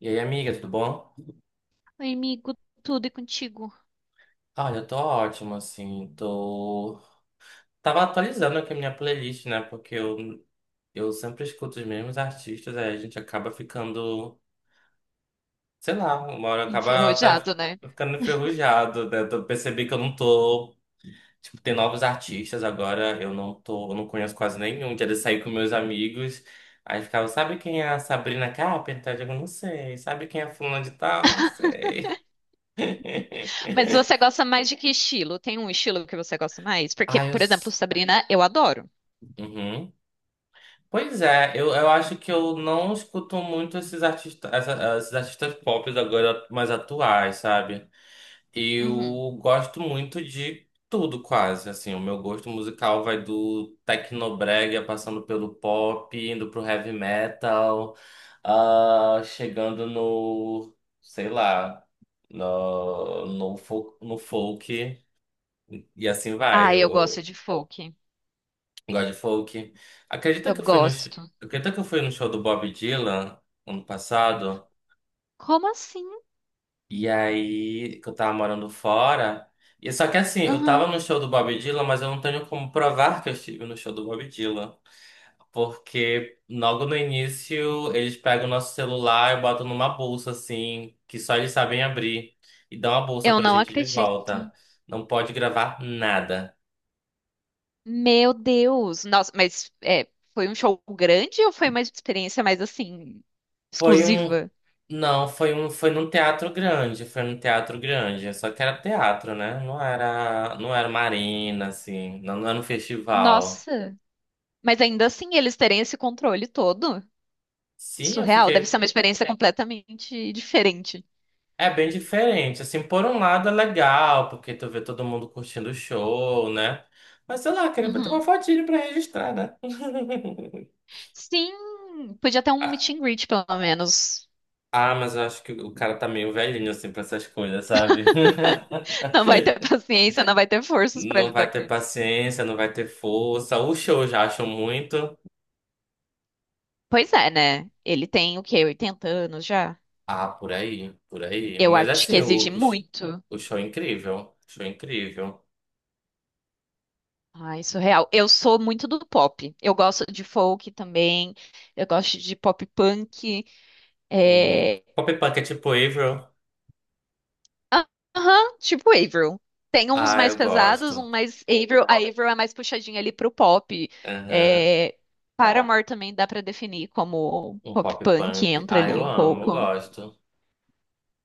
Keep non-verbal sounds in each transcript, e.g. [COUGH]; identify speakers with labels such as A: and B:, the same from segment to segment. A: E aí, amiga, tudo bom?
B: Oi, amigo, tudo e contigo?
A: Olha, eu tô ótimo, assim, tô... Tava atualizando aqui a minha playlist, né? Porque eu sempre escuto os mesmos artistas, aí a gente acaba ficando, sei lá, uma hora acaba até
B: Enferrujado, né?
A: ficando enferrujado, né? Eu percebi que eu não tô... Tipo, tem novos artistas agora, eu não conheço quase nenhum. Um dia de sair com meus amigos, aí ficava, sabe quem é a Sabrina Carpenter? Eu digo, não sei. Sabe quem é fulano de tal? Não sei. [LAUGHS]
B: Mas você gosta mais de que estilo? Tem um estilo que você gosta mais? Porque,
A: Ai, eu...
B: por exemplo,
A: s-
B: Sabrina, eu adoro.
A: Uhum. Pois é, eu acho que eu não escuto muito esses artistas pop agora mais atuais, sabe?
B: Uhum.
A: Eu gosto muito de tudo quase, assim, o meu gosto musical vai do tecnobrega passando pelo pop, indo pro heavy metal, ah, chegando sei lá, no folk, e assim
B: Ah,
A: vai.
B: eu gosto de folk.
A: Gosto de folk. Acredita
B: Eu
A: que eu fui no, sh-
B: gosto.
A: acredita que eu fui no show do Bob Dylan ano passado?
B: Como assim?
A: E aí, que eu tava morando fora. E só que assim, eu tava
B: Uhum.
A: no show do Bob Dylan, mas eu não tenho como provar que eu estive no show do Bob Dylan. Porque logo no início, eles pegam o nosso celular e botam numa bolsa, assim, que só eles sabem abrir. E dão a bolsa
B: Eu
A: pra
B: não
A: gente de
B: acredito.
A: volta. Não pode gravar nada.
B: Meu Deus. Nossa, mas é, foi um show grande ou foi uma experiência mais assim,
A: Foi um.
B: exclusiva?
A: Não, foi num teatro grande, foi num teatro grande. Só que era teatro, né? Não era uma arena, assim, não era um festival.
B: Nossa. Mas ainda assim, eles terem esse controle todo.
A: Sim, eu
B: Surreal. Deve ser
A: fiquei.
B: uma experiência completamente diferente.
A: É bem diferente. Assim, por um lado é legal, porque tu vê todo mundo curtindo o show, né? Mas sei lá, queria bater uma
B: Uhum.
A: fotinho pra registrar, né? [LAUGHS]
B: Sim, podia ter um meet
A: Ah,
B: and greet, pelo menos.
A: ah, mas eu acho que o cara tá meio velhinho, assim, pra essas coisas, sabe? [LAUGHS]
B: Não vai ter paciência, não vai ter forças pra
A: Não vai
B: lidar com
A: ter
B: isso.
A: paciência, não vai ter força. O show eu já acho muito.
B: Pois é, né? Ele tem o quê? 80 anos já?
A: Ah, por aí, por aí.
B: Eu
A: Mas
B: acho que
A: assim,
B: exige muito.
A: o show é incrível. Show é incrível.
B: Ai, surreal. Eu sou muito do pop. Eu gosto de folk também. Eu gosto de pop punk.
A: Uhum.
B: É.
A: Pop punk é tipo Avril.
B: Ah, aham, tipo Avril. Tem uns
A: Ah,
B: mais
A: eu
B: pesados, um
A: gosto.
B: mais Avril. A Avril é mais puxadinha ali pro pop.
A: Aham.
B: É, Paramore também dá pra definir como
A: Um
B: pop
A: pop
B: punk,
A: punk.
B: entra
A: Ah, eu
B: ali um
A: amo, eu
B: pouco.
A: gosto.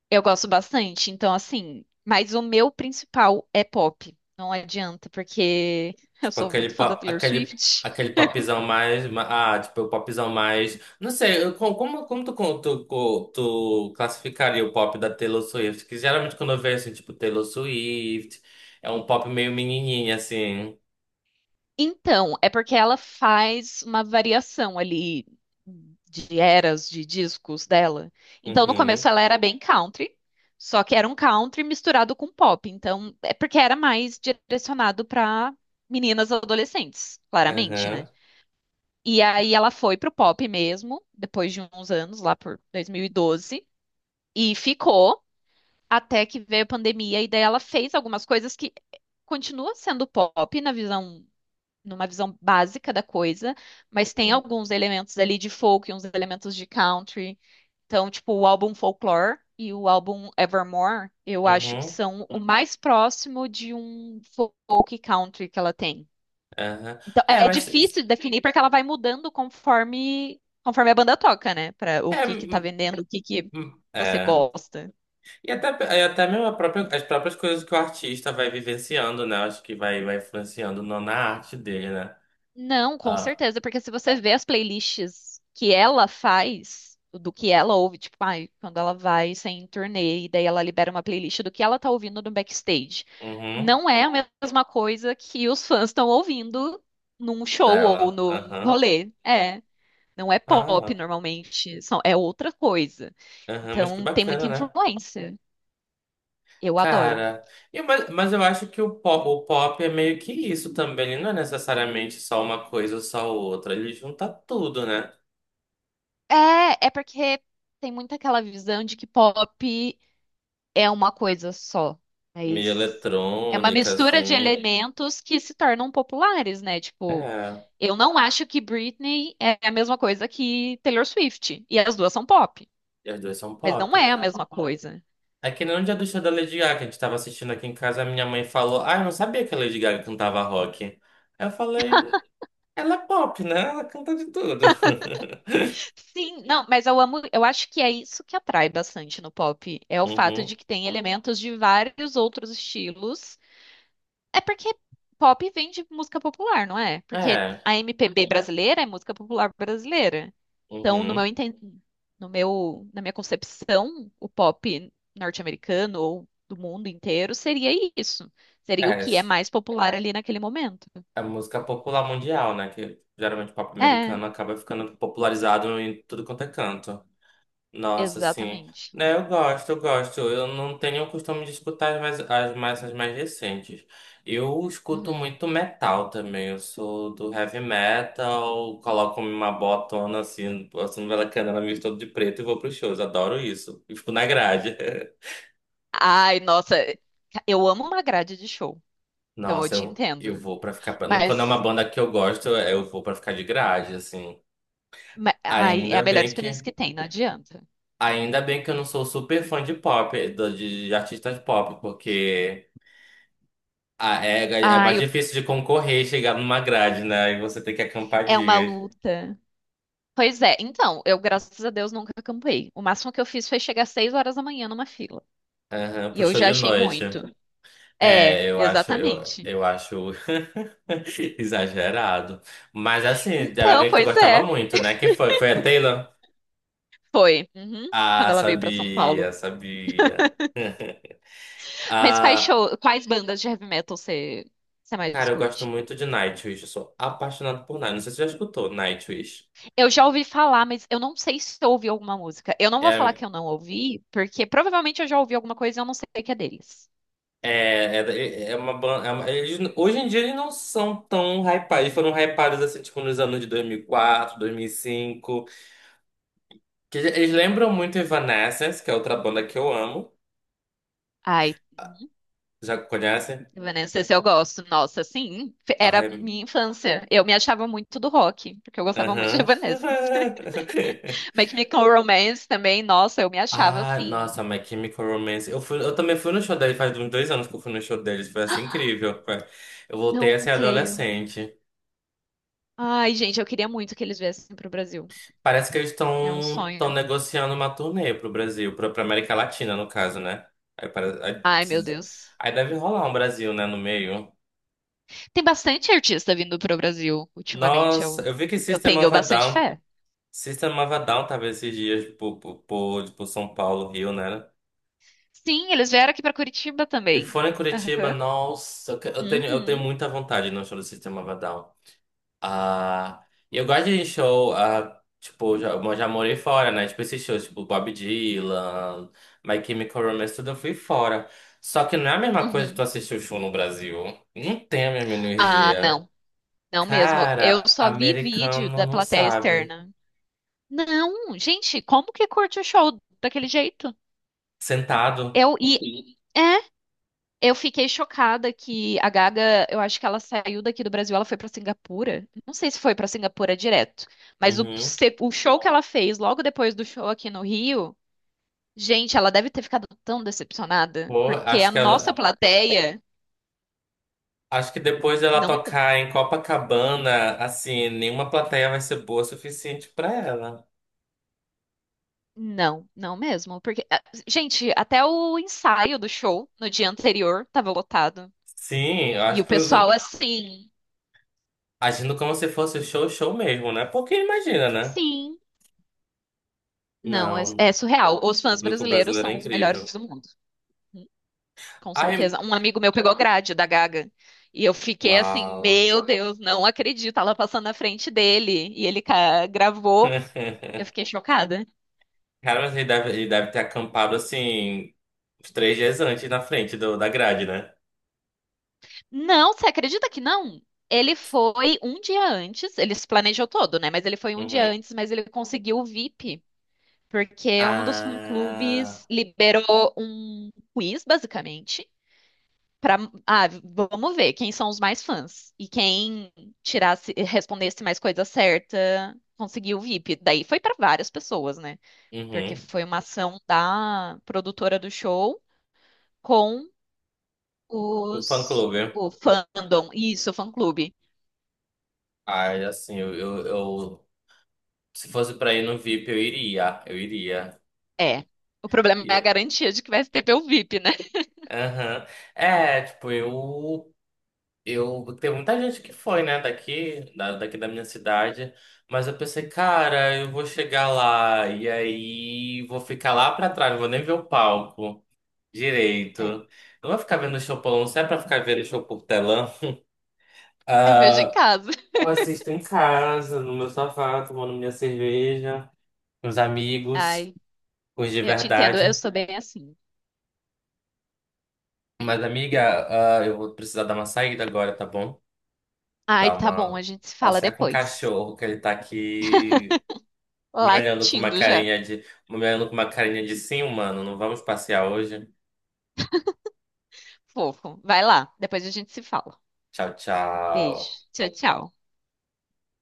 B: Eu gosto bastante, então assim, mas o meu principal é pop. Não adianta, porque [LAUGHS] eu
A: Tipo
B: sou
A: aquele
B: muito fã da
A: pop,
B: Taylor
A: aquele,
B: Swift.
A: aquele popzão mais. Ma- Ah, tipo o popzão mais. Não sei, como tu, con- tu, co- tu classificaria o pop da Taylor Swift? Que geralmente quando eu vejo assim, tipo Taylor Swift, é um pop meio menininha, assim.
B: Então, é porque ela faz uma variação ali de eras de discos dela. Então, no
A: Uhum,
B: começo ela era bem country, só que era um country misturado com pop. Então, é porque era mais direcionado para meninas adolescentes, claramente,
A: aham.
B: né? E aí ela foi pro pop mesmo, depois de uns anos, lá por 2012, e ficou até que veio a pandemia e daí ela fez algumas coisas que continua sendo pop na visão, numa visão básica da coisa, mas tem alguns elementos ali de folk e uns elementos de country. Então, tipo, o álbum Folklore e o álbum Evermore, eu acho que
A: Uhum,
B: são o mais próximo de um folk country que ela tem.
A: aham.
B: Então,
A: É,
B: é
A: mas.
B: difícil de definir porque ela vai mudando conforme a banda toca, né? Para o
A: É,
B: que que tá
A: hum,
B: vendendo, o que que
A: hum,
B: você
A: é.
B: gosta.
A: E até, e até mesmo as próprias coisas que o artista vai vivenciando, né? Acho que vai influenciando na arte dele, né?
B: Não, com
A: Ah,
B: certeza, porque se você vê as playlists que ela faz, do que ela ouve, tipo, ai, quando ela vai sem turnê, e daí ela libera uma playlist do que ela tá ouvindo no backstage.
A: uhum,
B: Não é a mesma coisa que os fãs estão ouvindo num show ou
A: dela.
B: num
A: Aham.
B: rolê. É, não é pop
A: Ah,
B: normalmente, é outra coisa.
A: aham, mas que
B: Então tem muita
A: bacana, né?
B: influência. Eu adoro.
A: Cara, mas eu acho que o pop é meio que isso também. Ele não é necessariamente só uma coisa ou só outra. Ele junta tudo, né?
B: É porque tem muito aquela visão de que pop é uma coisa só,
A: Meio
B: mas é uma
A: eletrônica,
B: mistura de
A: assim.
B: elementos que se tornam populares, né? Tipo,
A: É,
B: eu não acho que Britney é a mesma coisa que Taylor Swift, e as duas são pop,
A: e as duas são
B: mas não
A: pop.
B: é a mesma coisa.
A: É que nem no dia do show da Lady Gaga, que a gente tava assistindo aqui em casa, a minha mãe falou: Ah, eu não sabia que a Lady Gaga cantava rock. Aí eu falei: Ela é pop, né? Ela canta de tudo. [LAUGHS]
B: Sim, não, mas eu amo, eu acho que é isso que atrai bastante no pop, é o fato
A: Uhum.
B: de que tem elementos de vários outros estilos. É porque pop vem de música popular, não é? Porque
A: É,
B: a MPB brasileira é música popular brasileira. Então, no meu
A: uhum.
B: enten- no meu, na minha concepção, o pop norte-americano ou do mundo inteiro seria isso. Seria o
A: É,
B: que é
A: s-
B: mais popular ali naquele momento.
A: a música popular mundial, né? Que geralmente o pop
B: É,
A: americano acaba ficando popularizado em tudo quanto é canto. Nossa, sim.
B: exatamente.
A: Né, eu gosto. Eu não tenho o costume de escutar as mais recentes. Eu escuto
B: Uhum.
A: muito metal também. Eu sou do heavy metal, coloco uma botona assim, passando pela canela, me todo de preto e vou pros shows. Adoro isso. E fico na grade. [LAUGHS]
B: Ai, nossa, eu amo uma grade de show, então eu
A: Nossa,
B: te
A: eu
B: entendo.
A: vou pra ficar. Pra- Quando é uma
B: Mas,
A: banda que eu gosto, é, eu vou pra ficar de grade, assim.
B: Ai, é
A: Ainda
B: a melhor
A: bem
B: experiência
A: que.
B: que tem, não adianta.
A: Ainda bem que eu não sou super fã de pop, de artistas pop, porque. Ah, é, é
B: Ai,
A: mais
B: eu-
A: difícil de concorrer e chegar numa grade, né? E você tem que acampar
B: É uma
A: dias.
B: luta. Pois é, então, eu, graças a Deus, nunca acampei. O máximo que eu fiz foi chegar às 6 horas da manhã numa fila.
A: Aham,
B: E
A: pro
B: eu
A: show
B: já
A: de
B: achei
A: noite.
B: muito. É,
A: É, eu acho, eu,
B: exatamente.
A: eu acho [LAUGHS] exagerado. Mas assim, era
B: Então,
A: alguém que tu
B: pois
A: gostava
B: é,
A: muito, né? Quem foi? Foi a Taylor?
B: foi. Uhum, quando
A: Ah,
B: ela veio pra São Paulo.
A: sabia, sabia.
B: Mas quais
A: Ah,
B: show, quais bandas de heavy metal você mais
A: cara, eu gosto
B: curte?
A: muito de Nightwish. Eu sou apaixonado por Nightwish. Não sei se você já escutou Nightwish.
B: Eu já ouvi falar, mas eu não sei se eu ouvi alguma música. Eu não vou falar que eu não ouvi, porque provavelmente eu já ouvi alguma coisa e eu não sei o que é deles.
A: É, é, é uma banda. Hoje em dia eles não são tão hypados. Eles foram hypados assim, tipo, nos anos de 2004, 2005. Que eles lembram muito Evanescence, que é outra banda que eu amo.
B: Ai.
A: Já conhecem?
B: Evanescence eu gosto. Nossa, sim, era
A: Ai,
B: minha infância. Eu me achava muito do rock, porque eu gostava muito de
A: aham.
B: Evanescence.
A: [LAUGHS]
B: [LAUGHS] My Chemical Romance também, nossa, eu me achava
A: Ah,
B: assim.
A: nossa, My Chemical Romance. Eu também fui no show deles, faz uns 2 anos que eu fui no show deles. Foi assim incrível. Foi. Eu voltei
B: Não
A: a ser
B: creio.
A: adolescente.
B: Ai, gente, eu queria muito que eles viessem pro Brasil.
A: Parece que eles
B: É um
A: estão
B: sonho.
A: negociando uma turnê pro Brasil, pra América Latina, no caso, né? Aí, para- aí-
B: Ai, meu Deus.
A: aí deve rolar um Brasil, né, no meio.
B: Tem bastante artista vindo pro Brasil ultimamente.
A: Nossa,
B: Eu,
A: eu vi que
B: eu tenho bastante fé.
A: System of a Down tava esses dias por São Paulo, Rio, né?
B: Sim, eles vieram aqui pra Curitiba
A: Eles
B: também.
A: foram em Curitiba,
B: Aham.
A: nossa, eu tenho
B: Uhum.
A: muita vontade no show do System of a Down. Ah, e eu gosto de show, ah, tipo, já, eu já morei fora, né? Tipo, esses shows, tipo, Bob Dylan, My Chemical Romance, tudo eu fui fora. Só que não é a mesma coisa que tu
B: Uhum.
A: assistir o show no Brasil. Não tem a mesma
B: Ah,
A: energia.
B: não. Não mesmo. Eu
A: Cara,
B: só vi vídeo
A: americano
B: da
A: não
B: plateia
A: sabe.
B: externa. Não, gente, como que curte o show daquele jeito?
A: Sentado.
B: Eu e É, eu fiquei chocada que a Gaga, eu acho que ela saiu daqui do Brasil, ela foi pra Singapura. Não sei se foi pra Singapura direto, mas o,
A: Uhum.
B: se- o show que ela fez logo depois do show aqui no Rio, gente, ela deve ter ficado tão decepcionada,
A: Pô,
B: porque a nossa plateia
A: acho que depois dela
B: não,
A: tocar em Copacabana, assim, nenhuma plateia vai ser boa o suficiente pra ela.
B: não, não mesmo, porque ah, gente, até o ensaio do show no dia anterior tava lotado
A: Sim, eu
B: e
A: acho
B: o
A: que
B: pessoal assim,
A: Agindo como se fosse show mesmo, né? Porque imagina, né?
B: sim. Não, é,
A: Não, o
B: é surreal. Os fãs
A: público
B: brasileiros
A: brasileiro é
B: são os melhores
A: incrível.
B: do mundo, com
A: Ai,
B: certeza. Um amigo meu pegou grade da Gaga e eu fiquei assim,
A: uau.
B: meu Deus, não acredito. Ela passando na frente dele e gravou.
A: [LAUGHS]
B: Eu fiquei chocada.
A: Cara, mas ele deve ter acampado assim, uns 3 dias antes na frente da grade, né?
B: Não, você acredita que não? Ele foi um dia antes, ele se planejou todo, né? Mas ele foi um dia
A: Uhum.
B: antes, mas ele conseguiu o VIP, porque um dos
A: Ah,
B: fã-clubes liberou um quiz, basicamente. Pra, ah, vamos ver quem são os mais fãs. E quem tirasse, respondesse mais coisa certa, conseguiu o VIP. Daí foi para várias pessoas, né? Porque
A: uhum.
B: foi uma ação da produtora do show com
A: O fã
B: os
A: clube.
B: o fandom. Isso, o fã-clube.
A: Ai, assim, eu- se fosse pra ir no VIP, eu iria.
B: É. O problema
A: E
B: é a
A: Eu,
B: garantia de que vai ter o VIP, né?
A: aham. É, tipo, eu Eu tem muita gente que foi, né, daqui da minha cidade, mas eu pensei, cara, eu vou chegar lá e aí vou ficar lá pra trás, não vou nem ver o palco
B: É.
A: direito. Não vou ficar vendo o show por não é pra ficar vendo o show por telão.
B: Eu vejo em
A: Ah,
B: casa.
A: eu assisto em casa, no meu sofá, tomando minha cerveja, com os amigos,
B: Ai,
A: com os de
B: eu te entendo, eu
A: verdade.
B: sou bem assim.
A: Mas, amiga, ah, eu vou precisar dar uma saída agora, tá bom?
B: Ai,
A: Dar
B: tá bom, a
A: uma
B: gente se fala
A: passear com o
B: depois.
A: cachorro, que ele tá aqui me olhando com uma
B: Latindo já.
A: me olhando com uma carinha de sim, mano, não vamos passear hoje.
B: Fofo. Vai lá, depois a gente se fala.
A: Tchau, tchau.
B: Beijo. Tchau, tchau.